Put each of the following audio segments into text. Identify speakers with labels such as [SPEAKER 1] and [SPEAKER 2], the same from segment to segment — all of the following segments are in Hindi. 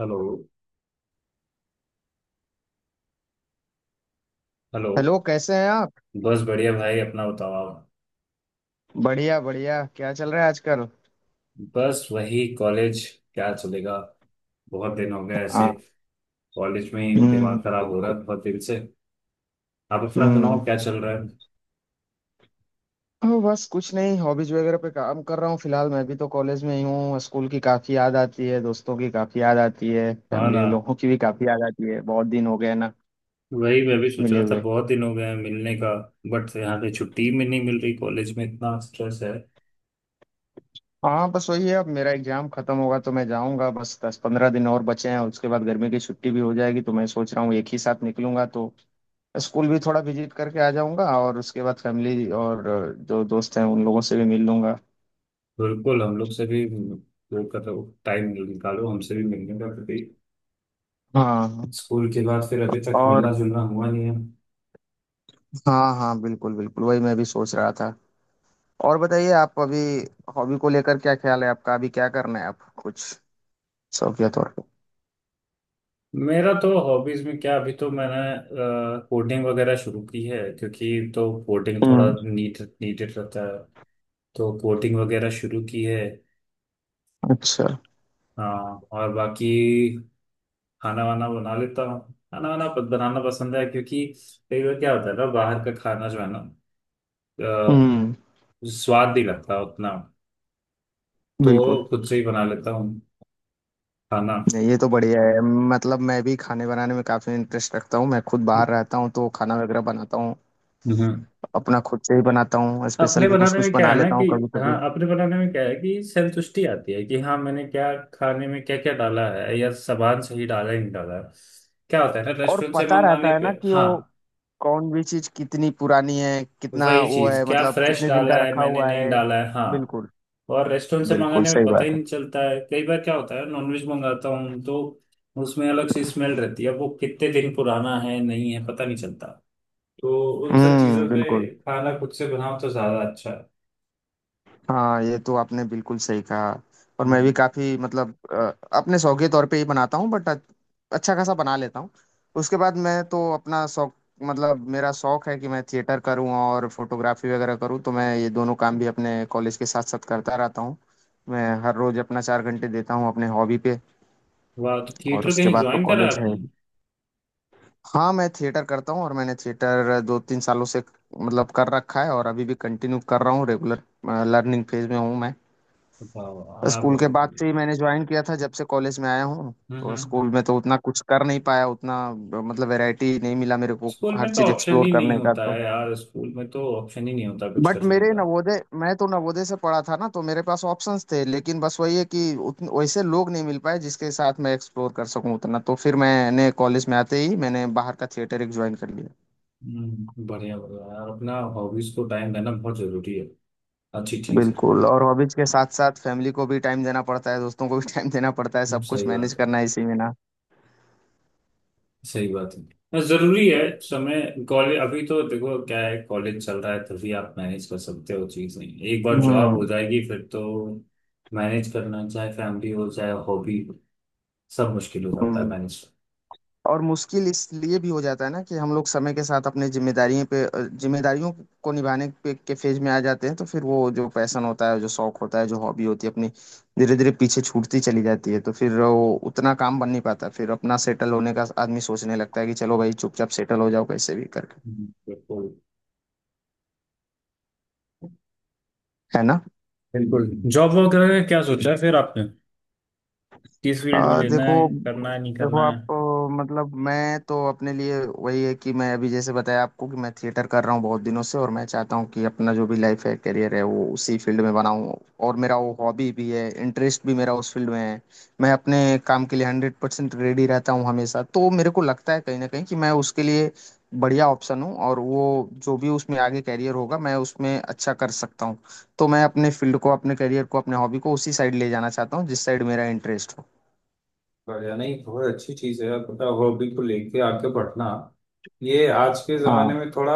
[SPEAKER 1] हेलो। हेलो।
[SPEAKER 2] हेलो, कैसे हैं आप?
[SPEAKER 1] बस बढ़िया भाई, अपना बताओ आप।
[SPEAKER 2] बढ़िया बढ़िया, क्या चल रहा है आजकल?
[SPEAKER 1] बस वही कॉलेज, क्या चलेगा। बहुत दिन हो गए ऐसे।
[SPEAKER 2] हाँ।
[SPEAKER 1] कॉलेज में ही दिमाग
[SPEAKER 2] हम्म।
[SPEAKER 1] खराब हो रहा है बहुत दिन से। आप अपना
[SPEAKER 2] हम्म।
[SPEAKER 1] सुनाओ, क्या चल रहा है।
[SPEAKER 2] बस कुछ नहीं, हॉबीज वगैरह पे काम कर रहा हूँ फिलहाल। मैं भी तो कॉलेज में ही हूँ। स्कूल की काफी याद आती है, दोस्तों की काफी याद आती है,
[SPEAKER 1] हाँ
[SPEAKER 2] फैमिली
[SPEAKER 1] ना,
[SPEAKER 2] लोगों की भी काफी याद आती है। बहुत दिन हो गए ना
[SPEAKER 1] वही मैं भी सोच
[SPEAKER 2] मिले
[SPEAKER 1] रहा था,
[SPEAKER 2] हुए।
[SPEAKER 1] बहुत दिन हो गए हैं मिलने का। बट यहाँ पे छुट्टी में नहीं मिल रही, कॉलेज में इतना स्ट्रेस है।
[SPEAKER 2] हाँ, बस वही है, अब मेरा एग्जाम खत्म होगा तो मैं जाऊंगा। बस 10-15 दिन और बचे हैं, उसके बाद गर्मी की छुट्टी भी हो जाएगी, तो मैं सोच रहा हूँ एक ही साथ निकलूंगा। तो स्कूल भी थोड़ा विजिट करके आ जाऊंगा और उसके बाद फैमिली और जो दोस्त हैं उन लोगों से भी मिल लूंगा।
[SPEAKER 1] बिल्कुल, हम लोग से भी वो करो, टाइम निकालो हमसे भी मिलने का कभी।
[SPEAKER 2] हाँ।
[SPEAKER 1] स्कूल के बाद फिर अभी तक
[SPEAKER 2] और
[SPEAKER 1] मिलना जुलना हुआ नहीं है।
[SPEAKER 2] हाँ हाँ बिल्कुल बिल्कुल, वही मैं भी सोच रहा था। और बताइए, आप अभी हॉबी को लेकर क्या ख्याल है आपका? अभी क्या करना है आप कुछ शौकिया तौर पे?
[SPEAKER 1] मेरा तो हॉबीज में क्या, अभी तो मैंने कोडिंग वगैरह शुरू की है, क्योंकि तो कोडिंग थोड़ा
[SPEAKER 2] हम्म।
[SPEAKER 1] नीडेड रहता है। तो कोडिंग वगैरह शुरू की है।
[SPEAKER 2] अच्छा।
[SPEAKER 1] हाँ और बाकी खाना वाना बना लेता हूँ, खाना वाना बनाना पसंद है, क्योंकि कई बार क्या होता है ना, बाहर का खाना जो है ना, अ,
[SPEAKER 2] हम्म।
[SPEAKER 1] स्वाद नहीं लगता उतना।
[SPEAKER 2] बिल्कुल।
[SPEAKER 1] तो खुद से ही बना लेता हूँ खाना।
[SPEAKER 2] नहीं, ये तो बढ़िया है। मतलब मैं भी खाने बनाने में काफी इंटरेस्ट रखता हूँ। मैं खुद बाहर रहता हूँ तो खाना वगैरह बनाता हूँ।
[SPEAKER 1] हम्म।
[SPEAKER 2] अपना खुद से ही बनाता हूँ। स्पेशल
[SPEAKER 1] अपने
[SPEAKER 2] भी कुछ
[SPEAKER 1] बनाने
[SPEAKER 2] कुछ
[SPEAKER 1] में क्या
[SPEAKER 2] बना
[SPEAKER 1] है ना
[SPEAKER 2] लेता
[SPEAKER 1] कि,
[SPEAKER 2] हूँ कभी
[SPEAKER 1] हाँ,
[SPEAKER 2] कभी।
[SPEAKER 1] अपने बनाने में क्या है कि संतुष्टि आती है कि हाँ मैंने क्या खाने में क्या क्या डाला है, या सामान सही डाला है नहीं डाला है। क्या होता है ना,
[SPEAKER 2] और
[SPEAKER 1] रेस्टोरेंट से
[SPEAKER 2] पता
[SPEAKER 1] मंगवाने
[SPEAKER 2] रहता है ना
[SPEAKER 1] पे,
[SPEAKER 2] कि
[SPEAKER 1] हाँ
[SPEAKER 2] वो कौन भी चीज कितनी पुरानी है, कितना
[SPEAKER 1] वही
[SPEAKER 2] वो
[SPEAKER 1] चीज,
[SPEAKER 2] है,
[SPEAKER 1] क्या
[SPEAKER 2] मतलब
[SPEAKER 1] फ्रेश
[SPEAKER 2] कितने दिन
[SPEAKER 1] डाला
[SPEAKER 2] का
[SPEAKER 1] है
[SPEAKER 2] रखा
[SPEAKER 1] मैंने,
[SPEAKER 2] हुआ
[SPEAKER 1] नहीं
[SPEAKER 2] है।
[SPEAKER 1] डाला है। हाँ,
[SPEAKER 2] बिल्कुल,
[SPEAKER 1] और रेस्टोरेंट से
[SPEAKER 2] बिल्कुल
[SPEAKER 1] मंगाने में
[SPEAKER 2] सही
[SPEAKER 1] पता ही
[SPEAKER 2] बात है।
[SPEAKER 1] नहीं चलता है। कई बार क्या होता है, नॉनवेज मंगाता हूँ तो उसमें अलग सी स्मेल रहती है, वो कितने दिन पुराना है नहीं है पता नहीं चलता। तो उन सब चीजों
[SPEAKER 2] हम्म,
[SPEAKER 1] पे
[SPEAKER 2] बिल्कुल।
[SPEAKER 1] खाना खुद से बनाओ तो ज्यादा अच्छा है।
[SPEAKER 2] हाँ, ये तो आपने बिल्कुल सही कहा। और मैं भी
[SPEAKER 1] हम्म।
[SPEAKER 2] काफी, मतलब अपने शौक के तौर पे ही बनाता हूँ बट अच्छा खासा बना लेता हूँ। उसके बाद मैं तो अपना शौक, मतलब मेरा शौक है कि मैं थिएटर करूँ और फोटोग्राफी वगैरह करूँ, तो मैं ये दोनों काम भी अपने कॉलेज के साथ साथ करता रहता हूँ। मैं हर रोज अपना 4 घंटे देता हूँ अपने हॉबी पे।
[SPEAKER 1] वाह, तो
[SPEAKER 2] और
[SPEAKER 1] थिएटर
[SPEAKER 2] उसके
[SPEAKER 1] कहीं
[SPEAKER 2] बाद तो
[SPEAKER 1] ज्वाइन करा
[SPEAKER 2] कॉलेज है।
[SPEAKER 1] आपने।
[SPEAKER 2] हाँ, मैं थिएटर करता हूँ और मैंने थिएटर 2-3 सालों से, मतलब, कर रखा है और अभी भी कंटिन्यू कर रहा हूँ रेगुलर। लर्निंग फेज में हूँ मैं।
[SPEAKER 1] वाह वाह, हाँ
[SPEAKER 2] स्कूल के
[SPEAKER 1] बहुत
[SPEAKER 2] बाद से
[SPEAKER 1] बढ़िया।
[SPEAKER 2] ही मैंने ज्वाइन किया था, जब से कॉलेज में आया हूँ। तो
[SPEAKER 1] हम्म।
[SPEAKER 2] स्कूल में तो उतना कुछ कर नहीं पाया, उतना मतलब वैरायटी नहीं मिला मेरे को
[SPEAKER 1] स्कूल
[SPEAKER 2] हर
[SPEAKER 1] में तो
[SPEAKER 2] चीज
[SPEAKER 1] ऑप्शन
[SPEAKER 2] एक्सप्लोर
[SPEAKER 1] ही नहीं
[SPEAKER 2] करने का।
[SPEAKER 1] होता
[SPEAKER 2] तो
[SPEAKER 1] है यार, स्कूल में तो ऑप्शन ही नहीं होता कुछ
[SPEAKER 2] बट
[SPEAKER 1] करने
[SPEAKER 2] मेरे
[SPEAKER 1] का।
[SPEAKER 2] नवोदय, मैं तो नवोदय से पढ़ा था ना, तो मेरे पास ऑप्शंस थे, लेकिन बस वही है कि वैसे लोग नहीं मिल पाए जिसके साथ मैं एक्सप्लोर कर सकूं उतना। तो फिर मैंने कॉलेज में आते ही मैंने बाहर का थिएटर एक ज्वाइन कर लिया।
[SPEAKER 1] हम्म, बढ़िया बढ़िया यार, अपना हॉबीज को टाइम देना बहुत जरूरी है। अच्छी चीज है।
[SPEAKER 2] बिल्कुल। और हॉबीज के साथ साथ फैमिली को भी टाइम देना पड़ता है, दोस्तों को भी टाइम देना पड़ता है। सब कुछ
[SPEAKER 1] सही
[SPEAKER 2] मैनेज
[SPEAKER 1] बात है।
[SPEAKER 2] करना है इसी में ना।
[SPEAKER 1] सही बात है। हाँ, जरूरी है समय। कॉलेज अभी तो देखो क्या है, कॉलेज चल रहा है तभी आप मैनेज कर सकते हो चीज, नहीं एक बार जॉब
[SPEAKER 2] हम्म।
[SPEAKER 1] हो जाएगी फिर तो मैनेज करना, चाहे फैमिली हो चाहे हॉबी, सब मुश्किल हो जाता है
[SPEAKER 2] हम्म।
[SPEAKER 1] मैनेज।
[SPEAKER 2] और मुश्किल इसलिए भी हो जाता है ना कि हम लोग समय के साथ अपने जिम्मेदारियों पे, जिम्मेदारियों को निभाने पे के फेज में आ जाते हैं। तो फिर वो जो पैशन होता है, जो शौक होता है, जो हॉबी होती है अपनी, धीरे धीरे पीछे छूटती चली जाती है। तो फिर वो उतना काम बन नहीं पाता। फिर अपना सेटल होने का आदमी सोचने लगता है कि चलो भाई चुपचाप सेटल हो जाओ कैसे भी करके,
[SPEAKER 1] बिल्कुल।
[SPEAKER 2] है ना।
[SPEAKER 1] बिल्कुल। जॉब वॉब करने का क्या सोचा है फिर आपने, किस फील्ड में लेना
[SPEAKER 2] देखो,
[SPEAKER 1] है, करना है नहीं
[SPEAKER 2] देखो
[SPEAKER 1] करना है।
[SPEAKER 2] आप, मतलब मैं तो अपने लिए वही है कि मैं अभी जैसे बताया आपको कि मैं थिएटर कर रहा हूँ बहुत दिनों से और मैं चाहता हूँ कि अपना जो भी लाइफ है, करियर है, वो उसी फील्ड में बनाऊँ। और मेरा वो हॉबी भी है, इंटरेस्ट भी मेरा उस फील्ड में है। मैं अपने काम के लिए 100% रेडी रहता हूँ हमेशा, तो मेरे को लगता है कहीं ना कहीं कि मैं उसके लिए बढ़िया ऑप्शन हूँ और वो जो भी उसमें आगे कैरियर होगा, मैं उसमें अच्छा कर सकता हूँ। तो मैं अपने फील्ड को, अपने करियर को, अपने हॉबी को उसी साइड ले जाना चाहता हूँ जिस साइड मेरा इंटरेस्ट हो।
[SPEAKER 1] बढ़िया, नहीं बहुत अच्छी चीज है, पता हो बिल्कुल लेके आगे बढ़ना। ये आज के जमाने
[SPEAKER 2] हाँ,
[SPEAKER 1] में थोड़ा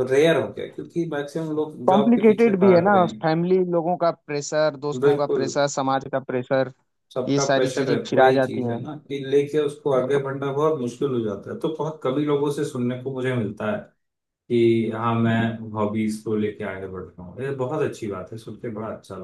[SPEAKER 1] रेयर हो गया, क्योंकि मैक्सिमम लोग जॉब के पीछे
[SPEAKER 2] कॉम्प्लिकेटेड भी है
[SPEAKER 1] भाग
[SPEAKER 2] ना।
[SPEAKER 1] रहे हैं।
[SPEAKER 2] फैमिली लोगों का प्रेशर, दोस्तों का
[SPEAKER 1] बिल्कुल,
[SPEAKER 2] प्रेशर, समाज का प्रेशर, ये
[SPEAKER 1] सबका
[SPEAKER 2] सारी
[SPEAKER 1] प्रेशर
[SPEAKER 2] चीजें
[SPEAKER 1] है तो
[SPEAKER 2] फिर आ
[SPEAKER 1] वही
[SPEAKER 2] जाती
[SPEAKER 1] चीज है
[SPEAKER 2] हैं।
[SPEAKER 1] ना कि लेके उसको आगे
[SPEAKER 2] बिल्कुल।
[SPEAKER 1] बढ़ना बहुत मुश्किल हो जाता है। तो बहुत कम ही लोगों से सुनने को मुझे मिलता है कि हाँ मैं हॉबीज को लेके आगे बढ़ रहा हूँ। ये बहुत अच्छी बात है, सुन के बड़ा अच्छा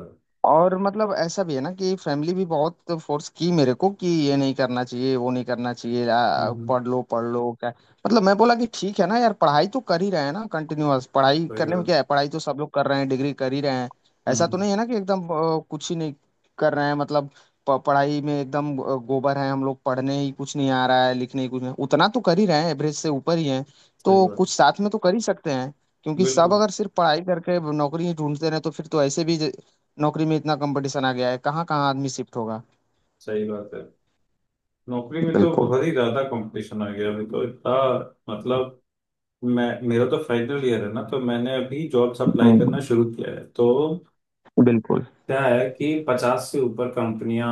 [SPEAKER 2] और मतलब ऐसा भी है ना कि फैमिली भी बहुत फोर्स की मेरे को कि ये नहीं करना चाहिए, वो नहीं करना चाहिए,
[SPEAKER 1] लगा।
[SPEAKER 2] पढ़ लो क्या। मतलब मैं बोला कि ठीक है ना यार, पढ़ाई तो कर ही रहे हैं ना कंटिन्यूअस। पढ़ाई
[SPEAKER 1] सही
[SPEAKER 2] करने में
[SPEAKER 1] बात।
[SPEAKER 2] क्या है, पढ़ाई तो सब लोग कर रहे हैं, डिग्री कर ही रहे हैं। ऐसा तो
[SPEAKER 1] हम्म।
[SPEAKER 2] नहीं है ना कि एकदम कुछ ही नहीं कर रहे हैं। मतलब पढ़ाई में एकदम गोबर है हम लोग, पढ़ने ही कुछ नहीं आ रहा है, लिखने ही कुछ नहीं। उतना तो कर ही रहे हैं, एवरेज से ऊपर ही है।
[SPEAKER 1] सही
[SPEAKER 2] तो
[SPEAKER 1] बात।
[SPEAKER 2] कुछ साथ में तो कर ही सकते हैं, क्योंकि सब
[SPEAKER 1] बिल्कुल
[SPEAKER 2] अगर सिर्फ पढ़ाई करके नौकरी ही ढूंढते रहे तो फिर तो ऐसे भी नौकरी में इतना कंपटीशन आ गया है, कहाँ कहाँ आदमी शिफ्ट होगा।
[SPEAKER 1] सही बात है। नौकरी में तो
[SPEAKER 2] बिल्कुल।
[SPEAKER 1] बहुत ही ज्यादा कंपटीशन आ गया अभी, तो इतना मतलब, मैं मेरा तो फाइनल ईयर है ना, तो मैंने अभी जॉब्स अप्लाई
[SPEAKER 2] हम्म,
[SPEAKER 1] करना शुरू किया है। तो
[SPEAKER 2] बिल्कुल।
[SPEAKER 1] क्या है कि 50 से ऊपर कंपनियां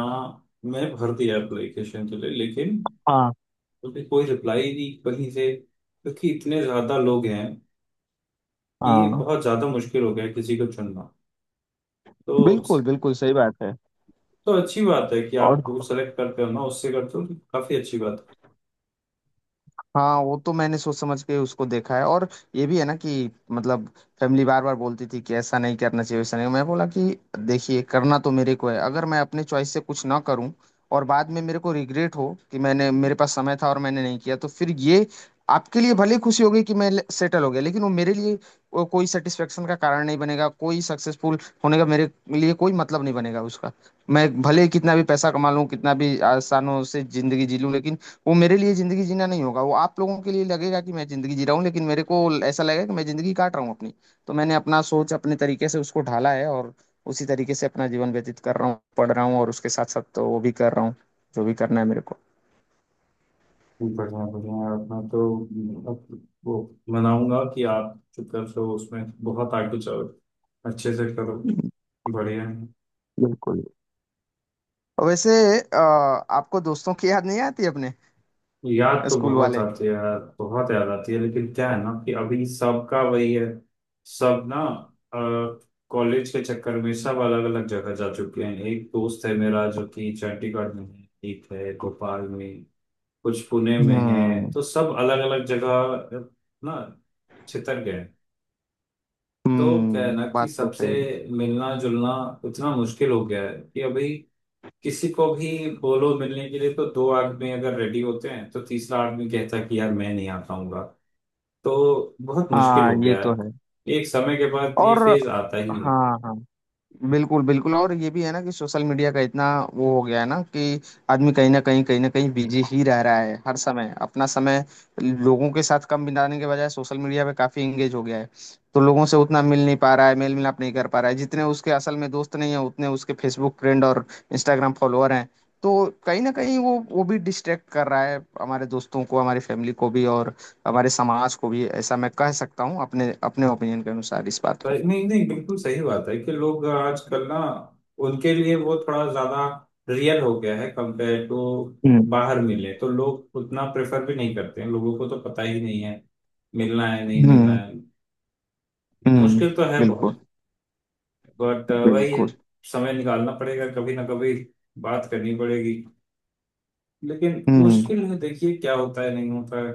[SPEAKER 1] में भर दिया एप्लीकेशन के लिए, लेकिन
[SPEAKER 2] हाँ।
[SPEAKER 1] अभी कोई रिप्लाई नहीं कहीं से, क्योंकि इतने ज्यादा लोग हैं कि
[SPEAKER 2] हाँ
[SPEAKER 1] बहुत ज्यादा मुश्किल हो गया है किसी को चुनना। तो
[SPEAKER 2] बिल्कुल बिल्कुल सही बात है।
[SPEAKER 1] तो अच्छी बात है कि आप
[SPEAKER 2] और
[SPEAKER 1] ग्रुप सेलेक्ट करते हो ना, उससे करते हो तो काफी अच्छी बात है।
[SPEAKER 2] हाँ, वो तो मैंने सोच समझ के उसको देखा है। और ये भी है ना कि मतलब फैमिली बार बार बोलती थी कि ऐसा नहीं करना चाहिए, वैसा नहीं। मैं बोला कि देखिए, करना तो मेरे को है। अगर मैं अपने चॉइस से कुछ ना करूं और बाद में मेरे को रिग्रेट हो कि मैंने, मेरे पास समय था और मैंने नहीं किया, तो फिर ये आपके लिए भले खुशी होगी कि मैं सेटल हो गया, लेकिन वो मेरे लिए, वो कोई सेटिस्फेक्शन का कारण नहीं बनेगा, कोई सक्सेसफुल होने का मेरे लिए कोई मतलब नहीं बनेगा उसका। मैं भले कितना भी पैसा कमा लूं, कितना भी आसानों से जिंदगी जी लूं, लेकिन वो मेरे लिए जिंदगी जीना नहीं होगा। वो आप लोगों के लिए लगेगा कि मैं जिंदगी जी रहा हूँ, लेकिन मेरे को ऐसा लगेगा कि मैं जिंदगी काट रहा हूँ अपनी। तो मैंने अपना सोच अपने तरीके से उसको ढाला है और उसी तरीके से अपना जीवन व्यतीत कर रहा हूँ, पढ़ रहा हूँ और उसके साथ साथ तो वो भी कर रहा हूँ जो भी करना है मेरे को।
[SPEAKER 1] जी, बढ़िया बढ़िया यार, मैं तो, अब वो मनाऊंगा कि आप जो कर रहे हो उसमें बहुत आगे चलो, अच्छे से करो। बढ़िया है।
[SPEAKER 2] बिल्कुल। वैसे, अ, आपको दोस्तों की याद नहीं आती अपने
[SPEAKER 1] याद तो
[SPEAKER 2] स्कूल
[SPEAKER 1] बहुत
[SPEAKER 2] वाले?
[SPEAKER 1] आती है यार, बहुत याद आती है, लेकिन क्या है ना कि अभी सबका वही है, सब ना कॉलेज के चक्कर में सब अलग अलग जगह जा चुके हैं। एक दोस्त है मेरा जो कि चंडीगढ़ में है, एक है भोपाल में, कुछ पुणे में है।
[SPEAKER 2] हम्म।
[SPEAKER 1] तो सब अलग अलग जगह ना छितर गए। तो क्या है
[SPEAKER 2] हम्म,
[SPEAKER 1] ना कि
[SPEAKER 2] बात तो
[SPEAKER 1] सबसे
[SPEAKER 2] सही है।
[SPEAKER 1] मिलना जुलना इतना मुश्किल हो गया है कि अभी किसी को भी बोलो मिलने के लिए, तो दो आदमी अगर रेडी होते हैं तो तीसरा आदमी कहता है कि यार मैं नहीं आ पाऊंगा। तो बहुत मुश्किल
[SPEAKER 2] हाँ,
[SPEAKER 1] हो
[SPEAKER 2] ये
[SPEAKER 1] गया
[SPEAKER 2] तो
[SPEAKER 1] है,
[SPEAKER 2] है।
[SPEAKER 1] एक समय के बाद ये
[SPEAKER 2] और
[SPEAKER 1] फेज आता ही है।
[SPEAKER 2] हाँ हाँ बिल्कुल बिल्कुल। और ये भी है ना कि सोशल मीडिया का इतना वो हो गया है ना कि आदमी कहीं ना कहीं, कहीं ना कहीं बिजी ही रह रहा है हर समय। अपना समय लोगों के साथ कम बिताने के बजाय सोशल मीडिया पे काफी एंगेज हो गया है। तो लोगों से उतना मिल नहीं पा रहा है, मेल मिलाप नहीं कर पा रहा है। जितने उसके असल में दोस्त नहीं है उतने उसके फेसबुक फ्रेंड और इंस्टाग्राम फॉलोअर हैं। तो कहीं ना कहीं वो भी डिस्ट्रैक्ट कर रहा है हमारे दोस्तों को, हमारी फैमिली को भी और हमारे समाज को भी, ऐसा मैं कह सकता हूँ अपने अपने ओपिनियन के अनुसार इस बात को।
[SPEAKER 1] पर नहीं नहीं, बिल्कुल सही बात है कि लोग आजकल ना, उनके लिए वो थोड़ा ज्यादा रियल हो गया है कंपेयर टू
[SPEAKER 2] हम्म।
[SPEAKER 1] बाहर मिले तो। लोग उतना प्रेफर भी नहीं करते हैं, लोगों को तो पता ही नहीं है मिलना है नहीं मिलना
[SPEAKER 2] हम्म।
[SPEAKER 1] है।
[SPEAKER 2] हम्म।
[SPEAKER 1] मुश्किल तो है बहुत,
[SPEAKER 2] बिल्कुल।
[SPEAKER 1] बट वही है,
[SPEAKER 2] बिल्कुल।
[SPEAKER 1] समय निकालना पड़ेगा कभी ना कभी, बात करनी पड़ेगी। लेकिन
[SPEAKER 2] हम्म।
[SPEAKER 1] मुश्किल है, देखिए क्या होता है नहीं होता है,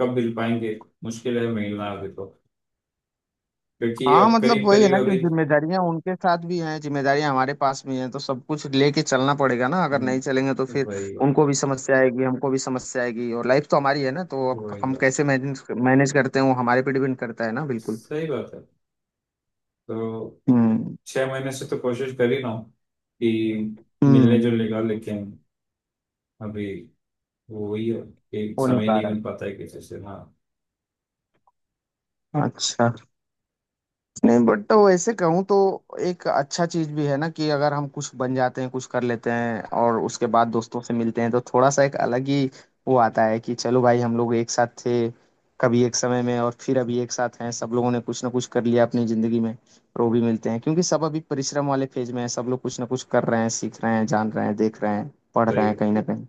[SPEAKER 1] कब मिल पाएंगे। मुश्किल है मिलना अभी तो, क्योंकि
[SPEAKER 2] हाँ,
[SPEAKER 1] अब
[SPEAKER 2] मतलब
[SPEAKER 1] करीब
[SPEAKER 2] वही है
[SPEAKER 1] करीब
[SPEAKER 2] ना कि
[SPEAKER 1] अभी,
[SPEAKER 2] जिम्मेदारियां उनके साथ भी हैं, जिम्मेदारियां हमारे पास भी हैं, तो सब कुछ लेके चलना पड़ेगा ना। अगर नहीं चलेंगे तो
[SPEAKER 1] हम्म,
[SPEAKER 2] फिर
[SPEAKER 1] वही बात।
[SPEAKER 2] उनको भी समस्या आएगी, हमको भी समस्या आएगी। और लाइफ तो हमारी है ना, तो अब
[SPEAKER 1] वही
[SPEAKER 2] हम
[SPEAKER 1] बात,
[SPEAKER 2] कैसे मैनेज मैनेज करते हैं वो हमारे पे डिपेंड करता है ना। बिल्कुल।
[SPEAKER 1] सही बात है। तो
[SPEAKER 2] हम्म।
[SPEAKER 1] 6 महीने से तो कोशिश कर ही रहा हूँ कि मिलने
[SPEAKER 2] हम्म।
[SPEAKER 1] जुलने का, लेकिन अभी वही है कि
[SPEAKER 2] हो नहीं
[SPEAKER 1] समय
[SPEAKER 2] पा
[SPEAKER 1] नहीं
[SPEAKER 2] रहा
[SPEAKER 1] मिल पाता है किसी से। हाँ
[SPEAKER 2] है, अच्छा। नहीं बट वैसे कहूँ तो एक अच्छा चीज भी है ना कि अगर हम कुछ बन जाते हैं, कुछ कर लेते हैं और उसके बाद दोस्तों से मिलते हैं, तो थोड़ा सा एक अलग ही वो आता है कि चलो भाई हम लोग एक साथ थे कभी एक समय में और फिर अभी एक साथ हैं। सब लोगों ने कुछ ना कुछ कर लिया अपनी जिंदगी में और वो भी मिलते हैं, क्योंकि सब अभी परिश्रम वाले फेज में है, सब लोग कुछ ना कुछ कर रहे हैं, सीख रहे हैं, जान रहे हैं, देख रहे हैं, पढ़ रहे हैं
[SPEAKER 1] सही।
[SPEAKER 2] कहीं ना कहीं।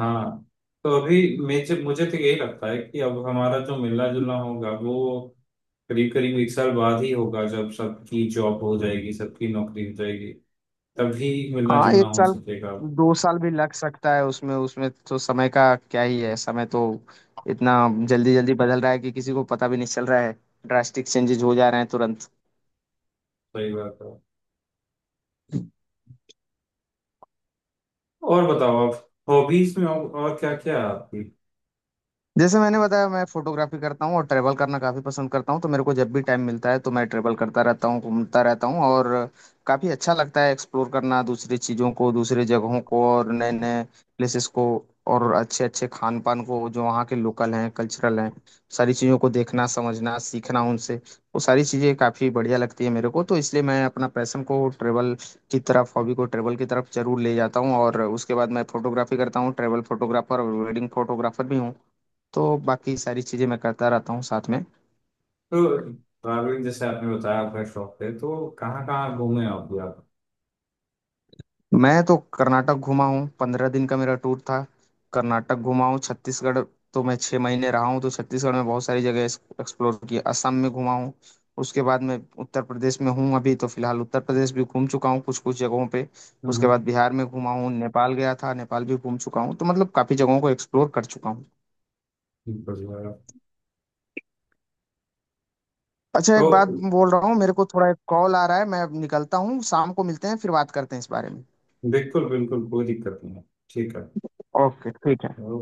[SPEAKER 1] हाँ। तो अभी मुझे मुझे तो यही लगता है कि अब हमारा जो मिलना जुलना होगा वो करीब करीब एक साल बाद ही होगा, जब सबकी जॉब हो जाएगी, सबकी नौकरी हो जाएगी, तभी मिलना
[SPEAKER 2] हाँ,
[SPEAKER 1] जुलना
[SPEAKER 2] एक
[SPEAKER 1] हो
[SPEAKER 2] साल
[SPEAKER 1] सकेगा।
[SPEAKER 2] 2 साल भी लग सकता है उसमें। उसमें तो समय का क्या ही है, समय तो इतना जल्दी जल्दी बदल रहा है कि किसी को पता भी नहीं चल रहा है। ड्रास्टिक चेंजेस हो जा रहे हैं तुरंत।
[SPEAKER 1] सही बात है। और बताओ आप, हॉबीज में और क्या क्या है आपकी।
[SPEAKER 2] जैसे मैंने बताया, मैं फोटोग्राफी करता हूँ और ट्रैवल करना काफ़ी पसंद करता हूँ। तो मेरे को जब भी टाइम मिलता है तो मैं ट्रैवल करता रहता हूँ, घूमता रहता हूँ। और काफ़ी अच्छा लगता है एक्सप्लोर करना दूसरी चीज़ों को, दूसरी जगहों को और नए नए प्लेसेस को और अच्छे अच्छे खान पान को जो वहाँ के लोकल हैं, कल्चरल हैं। सारी चीज़ों को देखना, समझना, सीखना उनसे, वो सारी चीज़ें काफ़ी बढ़िया लगती है मेरे को, तो इसलिए मैं अपना पैशन को ट्रैवल की तरफ, हॉबी को ट्रैवल की तरफ जरूर ले जाता हूँ। और उसके बाद मैं फोटोग्राफी करता हूँ, ट्रैवल फोटोग्राफर और वेडिंग फोटोग्राफर भी हूँ। तो बाकी सारी चीज़ें मैं करता रहता हूँ साथ में।
[SPEAKER 1] तो ट्रैवलिंग जैसे आपने बताया आपका शौक है, तो कहाँ कहाँ घूमे आप भी आप।
[SPEAKER 2] मैं तो कर्नाटक घूमा हूँ, 15 दिन का मेरा टूर था। कर्नाटक घूमा हूँ, छत्तीसगढ़ तो मैं 6 महीने रहा हूँ, तो छत्तीसगढ़ में बहुत सारी जगह एक्सप्लोर की। असम में घूमा हूँ, उसके बाद मैं उत्तर प्रदेश में हूँ अभी तो फिलहाल, उत्तर प्रदेश भी घूम चुका हूँ कुछ कुछ जगहों पे। उसके
[SPEAKER 1] हम्म।
[SPEAKER 2] बाद बिहार में घूमा हूँ, नेपाल गया था, नेपाल भी घूम चुका हूँ। तो मतलब काफ़ी जगहों को एक्सप्लोर कर चुका हूँ।
[SPEAKER 1] बढ़िया।
[SPEAKER 2] अच्छा,
[SPEAKER 1] तो
[SPEAKER 2] एक बात बोल रहा हूँ, मेरे को थोड़ा एक कॉल आ रहा है, मैं अब निकलता हूँ। शाम को मिलते हैं, फिर बात करते हैं इस बारे में।
[SPEAKER 1] बिल्कुल बिल्कुल कोई दिक्कत नहीं है। ठीक है।
[SPEAKER 2] ओके, ठीक है।
[SPEAKER 1] ओके।